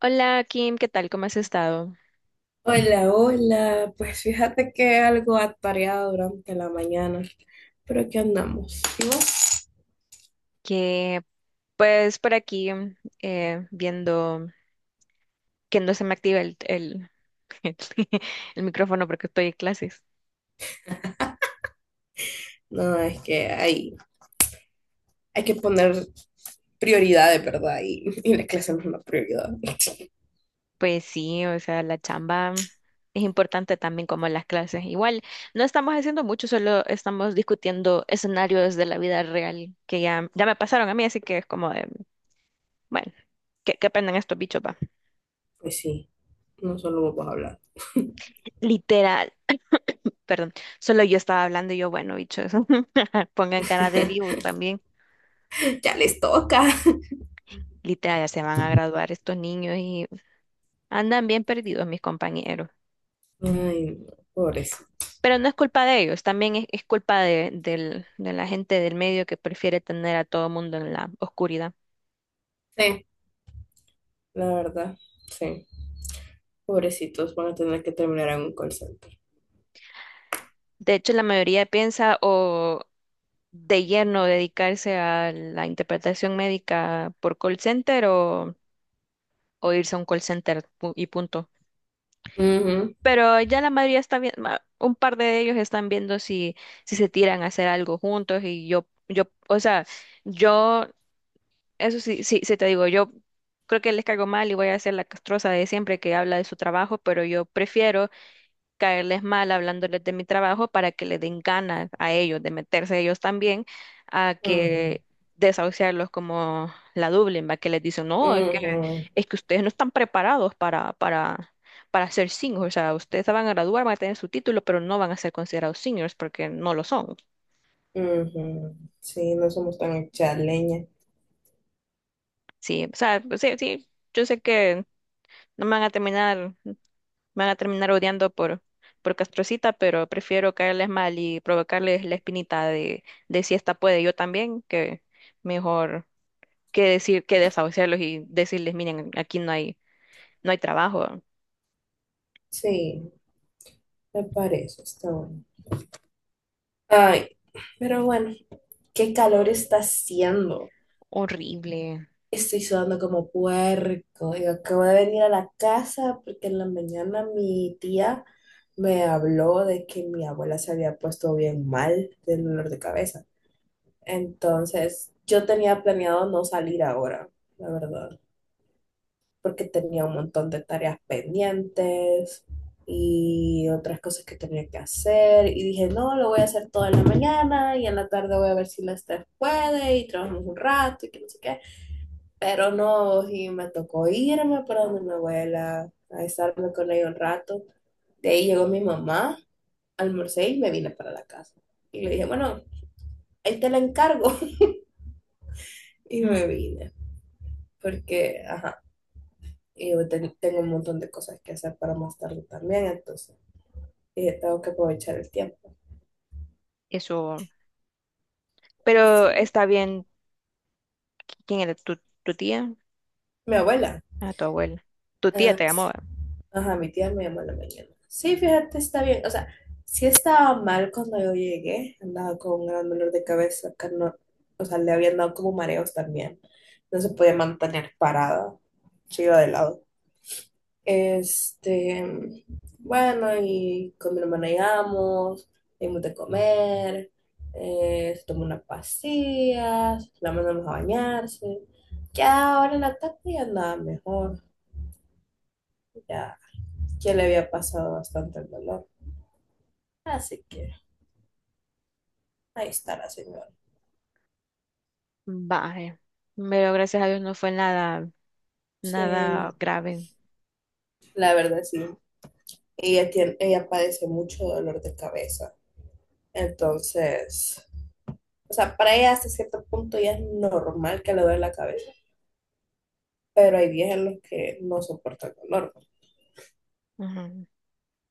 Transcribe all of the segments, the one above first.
Hola Kim, ¿qué tal? ¿Cómo has estado? Hola, hola. Pues fíjate que algo atareado durante la mañana, pero aquí andamos. ¿Y vos? Que pues por aquí viendo que no se me activa el micrófono porque estoy en clases. No, es que hay que poner prioridades, ¿verdad? Y la clase no es una prioridad. Pues sí, o sea, la chamba es importante también como las clases. Igual, no estamos haciendo mucho, solo estamos discutiendo escenarios de la vida real que ya me pasaron a mí, así que es como de, bueno, que aprendan estos bichos, va. Pues sí, no solo vamos a hablar. Literal. Perdón, solo yo estaba hablando y yo, bueno, bichos, pongan cara de vivos también. Ya les toca. Literal, ya se van a graduar estos niños y andan bien perdidos mis compañeros. Ay, no, pobrecitos. Pero no es culpa de ellos, también es culpa de la gente del medio que prefiere tener a todo mundo en la oscuridad. Sí, la verdad, sí. Pobrecitos van a tener que terminar en un call center. De hecho, la mayoría piensa o de lleno dedicarse a la interpretación médica por call center o irse a un y punto. Ujú, Pero ya la mayoría está viendo, un par de ellos están viendo si se tiran a hacer algo juntos y o sea, yo, eso sí, sí te digo, yo creo que les caigo mal y voy a hacer la castrosa de siempre que habla de su trabajo, pero yo prefiero caerles mal hablándoles de mi trabajo para que le den ganas a ellos de meterse ellos también a ujú, que desahuciarlos como la Dublin, va que les dicen, no, ujú, es que ustedes no están preparados para ser seniors, o sea, ustedes se van a graduar, van a tener su título, pero no van a ser considerados seniors porque no lo son. ujú. Sí, no somos tan chaleñas. Sí, o sea, pues sí, sí, yo sé que no me van a terminar me van a terminar odiando por Castrocita, pero prefiero caerles mal y provocarles la espinita de si esta puede yo también, que mejor que decir, que desahuciarlos y decirles, miren, aquí no hay, no hay trabajo. Sí. Me parece, está bueno. Ay, pero bueno, qué calor está haciendo. Horrible. Estoy sudando como puerco. Yo acabo de venir a la casa porque en la mañana mi tía me habló de que mi abuela se había puesto bien mal del dolor de cabeza. Entonces, yo tenía planeado no salir ahora, la verdad, porque tenía un montón de tareas pendientes y otras cosas que tenía que hacer. Y dije, no, lo voy a hacer toda la mañana y en la tarde voy a ver si la Lester puede y trabajamos un rato y que no sé qué. Pero no, y me tocó irme para donde mi abuela a estarme con ella un rato. De ahí llegó mi mamá, almorcé y me vine para la casa. Y le dije, bueno, ahí te la encargo. Y Ujú. me vine, porque, ajá, y yo tengo un montón de cosas que hacer para más tarde también, entonces, y yo tengo que aprovechar el tiempo. Eso, pero Sí, está bien. ¿Quién era? Tu tía? mi abuela. Ah, tu abuela. Tu tía Ah, te llamó, ¿verdad? ajá, mi tía me llamó en la mañana. Sí, fíjate, está bien. O sea, sí estaba mal cuando yo llegué, andaba con un gran dolor de cabeza, que no- o sea, le habían dado como mareos también. No se podía mantener parada, se iba de lado. Este, bueno, y con mi hermana llegamos, dimos de comer, se tomó unas pastillas, la mandamos a bañarse. Ya ahora en la tarde ya andaba mejor, ya, ya le había pasado bastante el dolor. Así que ahí está la señora. Vaya. Pero gracias a Dios no fue Sí, no, nada grave. la verdad sí. Ella tiene, ella padece mucho dolor de cabeza. Entonces, o sea, para ella hasta cierto punto ya es normal que le duele la cabeza, pero hay días en los que no soporto el calor. Ujú.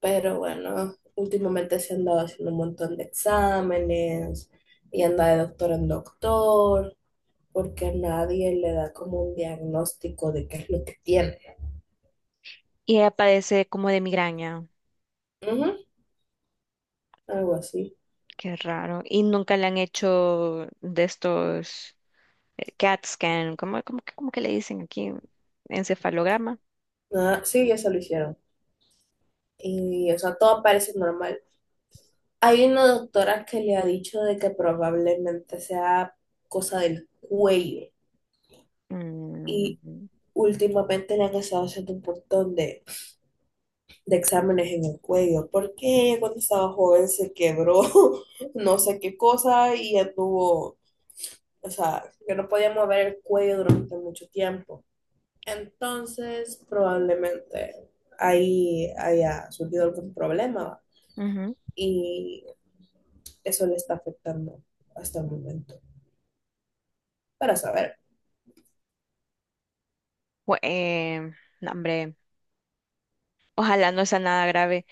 Pero bueno, últimamente se han dado haciendo un montón de exámenes y anda de doctor en doctor, porque a nadie le da como un diagnóstico de qué es lo que tiene. Y ella padece como de migraña. Ujú, algo así. Qué raro. Y nunca le han hecho de estos CAT scan, ¿cómo, cómo que le dicen aquí? Encefalograma. Ah, sí, ya se lo hicieron. Y, o sea, todo parece normal. Hay una doctora que le ha dicho de que probablemente sea cosa del cuello. Y Mm, últimamente le han estado haciendo un montón de exámenes en el cuello, porque ella cuando estaba joven se quebró no sé qué cosa y ya tuvo, o sea, que no podía mover el cuello durante mucho tiempo. Entonces, probablemente ahí haya surgido algún problema ujú. y eso le está afectando hasta el momento, para saber. Bu- eh, no, hombre, ojalá no sea nada grave,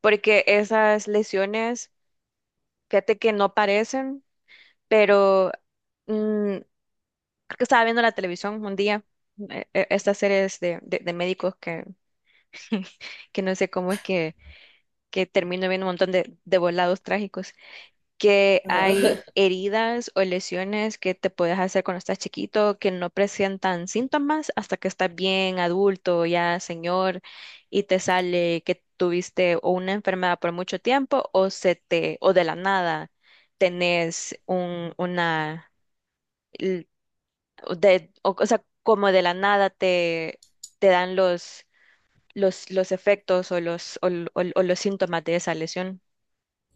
porque esas lesiones, fíjate que no parecen, pero mm, creo que estaba viendo la televisión un día, estas series de médicos que no sé cómo es que termino viendo un montón de volados trágicos. Que hay Ajá. heridas o lesiones que te puedes hacer cuando estás chiquito que no presentan síntomas hasta que estás bien adulto, ya señor, y te sale que tuviste o una enfermedad por mucho tiempo o se te o de la nada tenés un l- o de, o sea, como de la nada te te dan los efectos o los o los síntomas de esa lesión.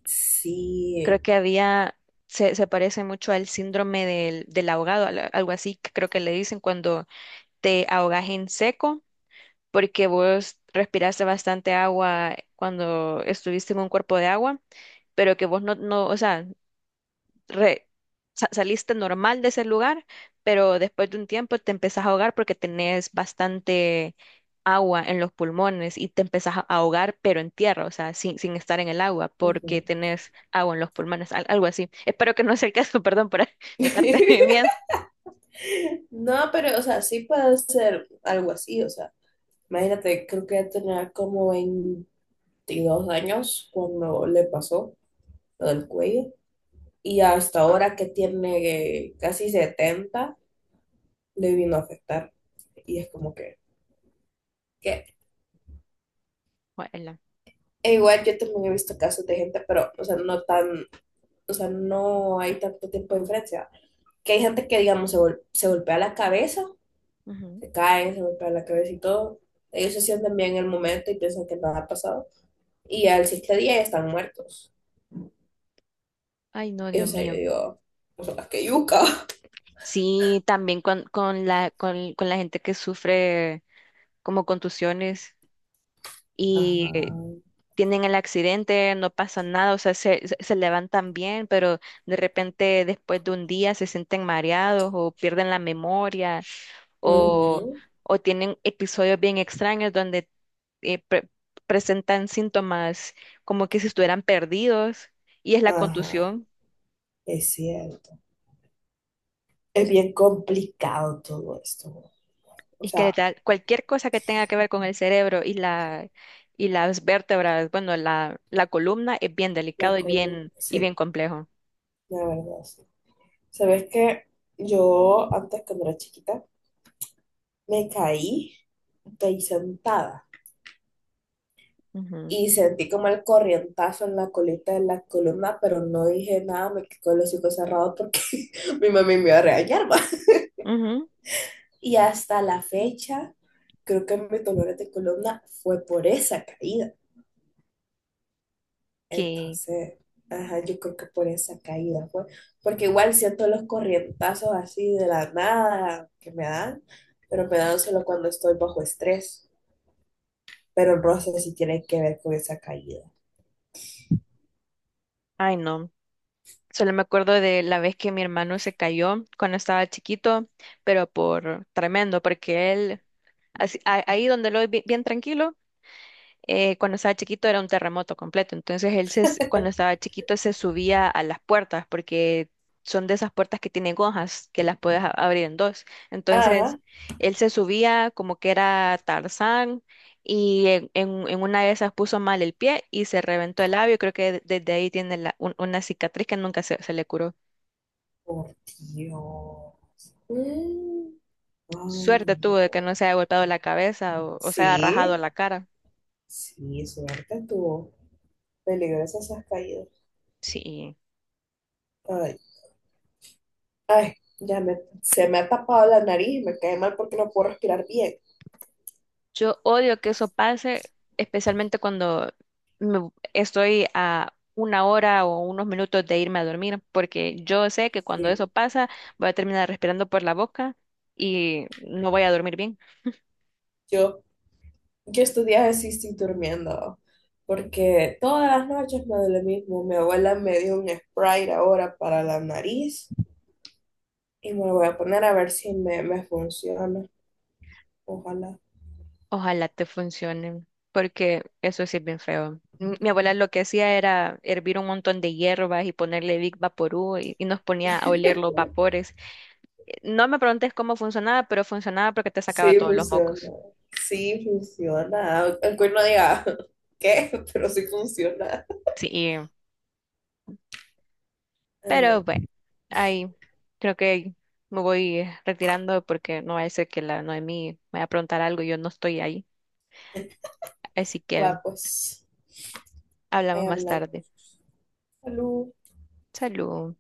Sí, Creo que había, se parece mucho al síndrome del ahogado, al- algo así que creo que le dicen cuando te ahogas en seco, porque vos respiraste bastante agua cuando estuviste en un cuerpo de agua, pero que vos no, o sea, re- sa- saliste normal de ese lugar, pero después de un tiempo te empezás a ahogar porque tenés bastante agua en los pulmones y te empezás a ahogar, pero en tierra, o sea, sin estar en el agua, porque Ujú. tenés agua en los pulmones, al- algo así. Espero que no sea el caso, perdón por meterte en miedo. No, pero, o sea, sí puede ser algo así, o sea, imagínate, creo que ya tenía como 22 años cuando le pasó lo del cuello y hasta ahora que tiene casi 70 le vino a afectar y es como que Guácala. e igual yo también he visto casos de gente, pero, o sea, no tan, o sea, no hay tanto tiempo de diferencia. Que hay gente que, digamos, se, se golpea la cabeza, Ujú. se cae, se golpea la cabeza y todo. Ellos se sienten bien en el momento y piensan que nada ha pasado. Y al siguiente día ya están muertos. Ay, no, Y o Dios sea, yo mío. digo, o sea, que yuca. Sí, también con la gente que sufre como contusiones Ajá, y tienen el accidente, no pasa nada, o sea, se levantan bien, pero de repente después de un día se sienten mareados o pierden la memoria o, Ujú, o tienen episodios bien extraños donde eh, pre- presentan síntomas como que si estuvieran perdidos y es la ajá, contusión es cierto. Es bien complicado todo esto. O y que le sea, da cualquier cosa que tenga que ver con el cerebro y las vértebras, bueno, la columna es bien la delicado y colo. Sí, bien complejo. la verdad, sí. ¿Sabes qué? Yo antes cuando era chiquita me caí de ahí sentada. Ujú, Y sentí como el corrientazo en la colita de la columna, pero no dije nada, me quedé con los hocico cerrados porque mi mami me iba a regañar. Ma. ujú, Y hasta la fecha, creo que mi dolor de columna fue por esa caída. que- Entonces, ajá, yo creo que por esa caída fue. Porque igual siento los corrientazos así de la nada que me dan, pero me dan solo cuando estoy bajo estrés. Pero el roce sí tiene que ver con esa caída. Ay, no. Solo me acuerdo de la vez que mi hermano se cayó cuando estaba chiquito, pero por tremendo, porque él, así, a- ahí donde lo ve bien tranquilo, cuando estaba chiquito era un terremoto completo. Entonces él cuando estaba chiquito se subía a las puertas porque son de esas puertas que tienen hojas que las puedes a- abrir en dos. Entonces Ajá. él se subía como que era Tarzán y en una de esas puso mal el pie y se reventó el labio. Creo que desde ahí tiene una cicatriz que nunca se le curó. Por Dios. Mm, ay, Suerte no. tuvo de que no se haya golpeado la cabeza o se haya rajado Sí, la cara. sí, suerte tú. Peligrosas esas caídas. Sí. Ay, ay, ya me, se me ha tapado la nariz y me cae mal porque no puedo respirar bien. Yo odio que eso pase, especialmente cuando estoy a una hora o unos minutos de irme a dormir, porque yo sé que cuando eso Sí. pasa voy a terminar respirando por la boca y no voy a dormir bien. Yo, yo estos días sí durmiendo, porque todas las noches me duele lo mismo. Mi abuela me dio un Sprite ahora para la nariz y me lo voy a poner a ver si me funciona. Ojalá. Ojalá te funcione, porque eso sí es bien feo. Mi abuela lo que hacía era hervir un montón de hierbas y ponerle Big Vaporú y nos ponía a oler los vapores. No me preguntes cómo funcionaba, pero funcionaba porque te sacaba Sí todos los funciona, mocos. sí funciona. Aunque uno diga, ¿qué? Pero sí funciona. Sí. Pero Ah, bueno, ahí creo que me voy retirando porque no vaya a ser que la Noemí me vaya a preguntar algo y yo no estoy ahí. Así que va, pues, hablamos ahí más hablando. tarde. Salud. Salud.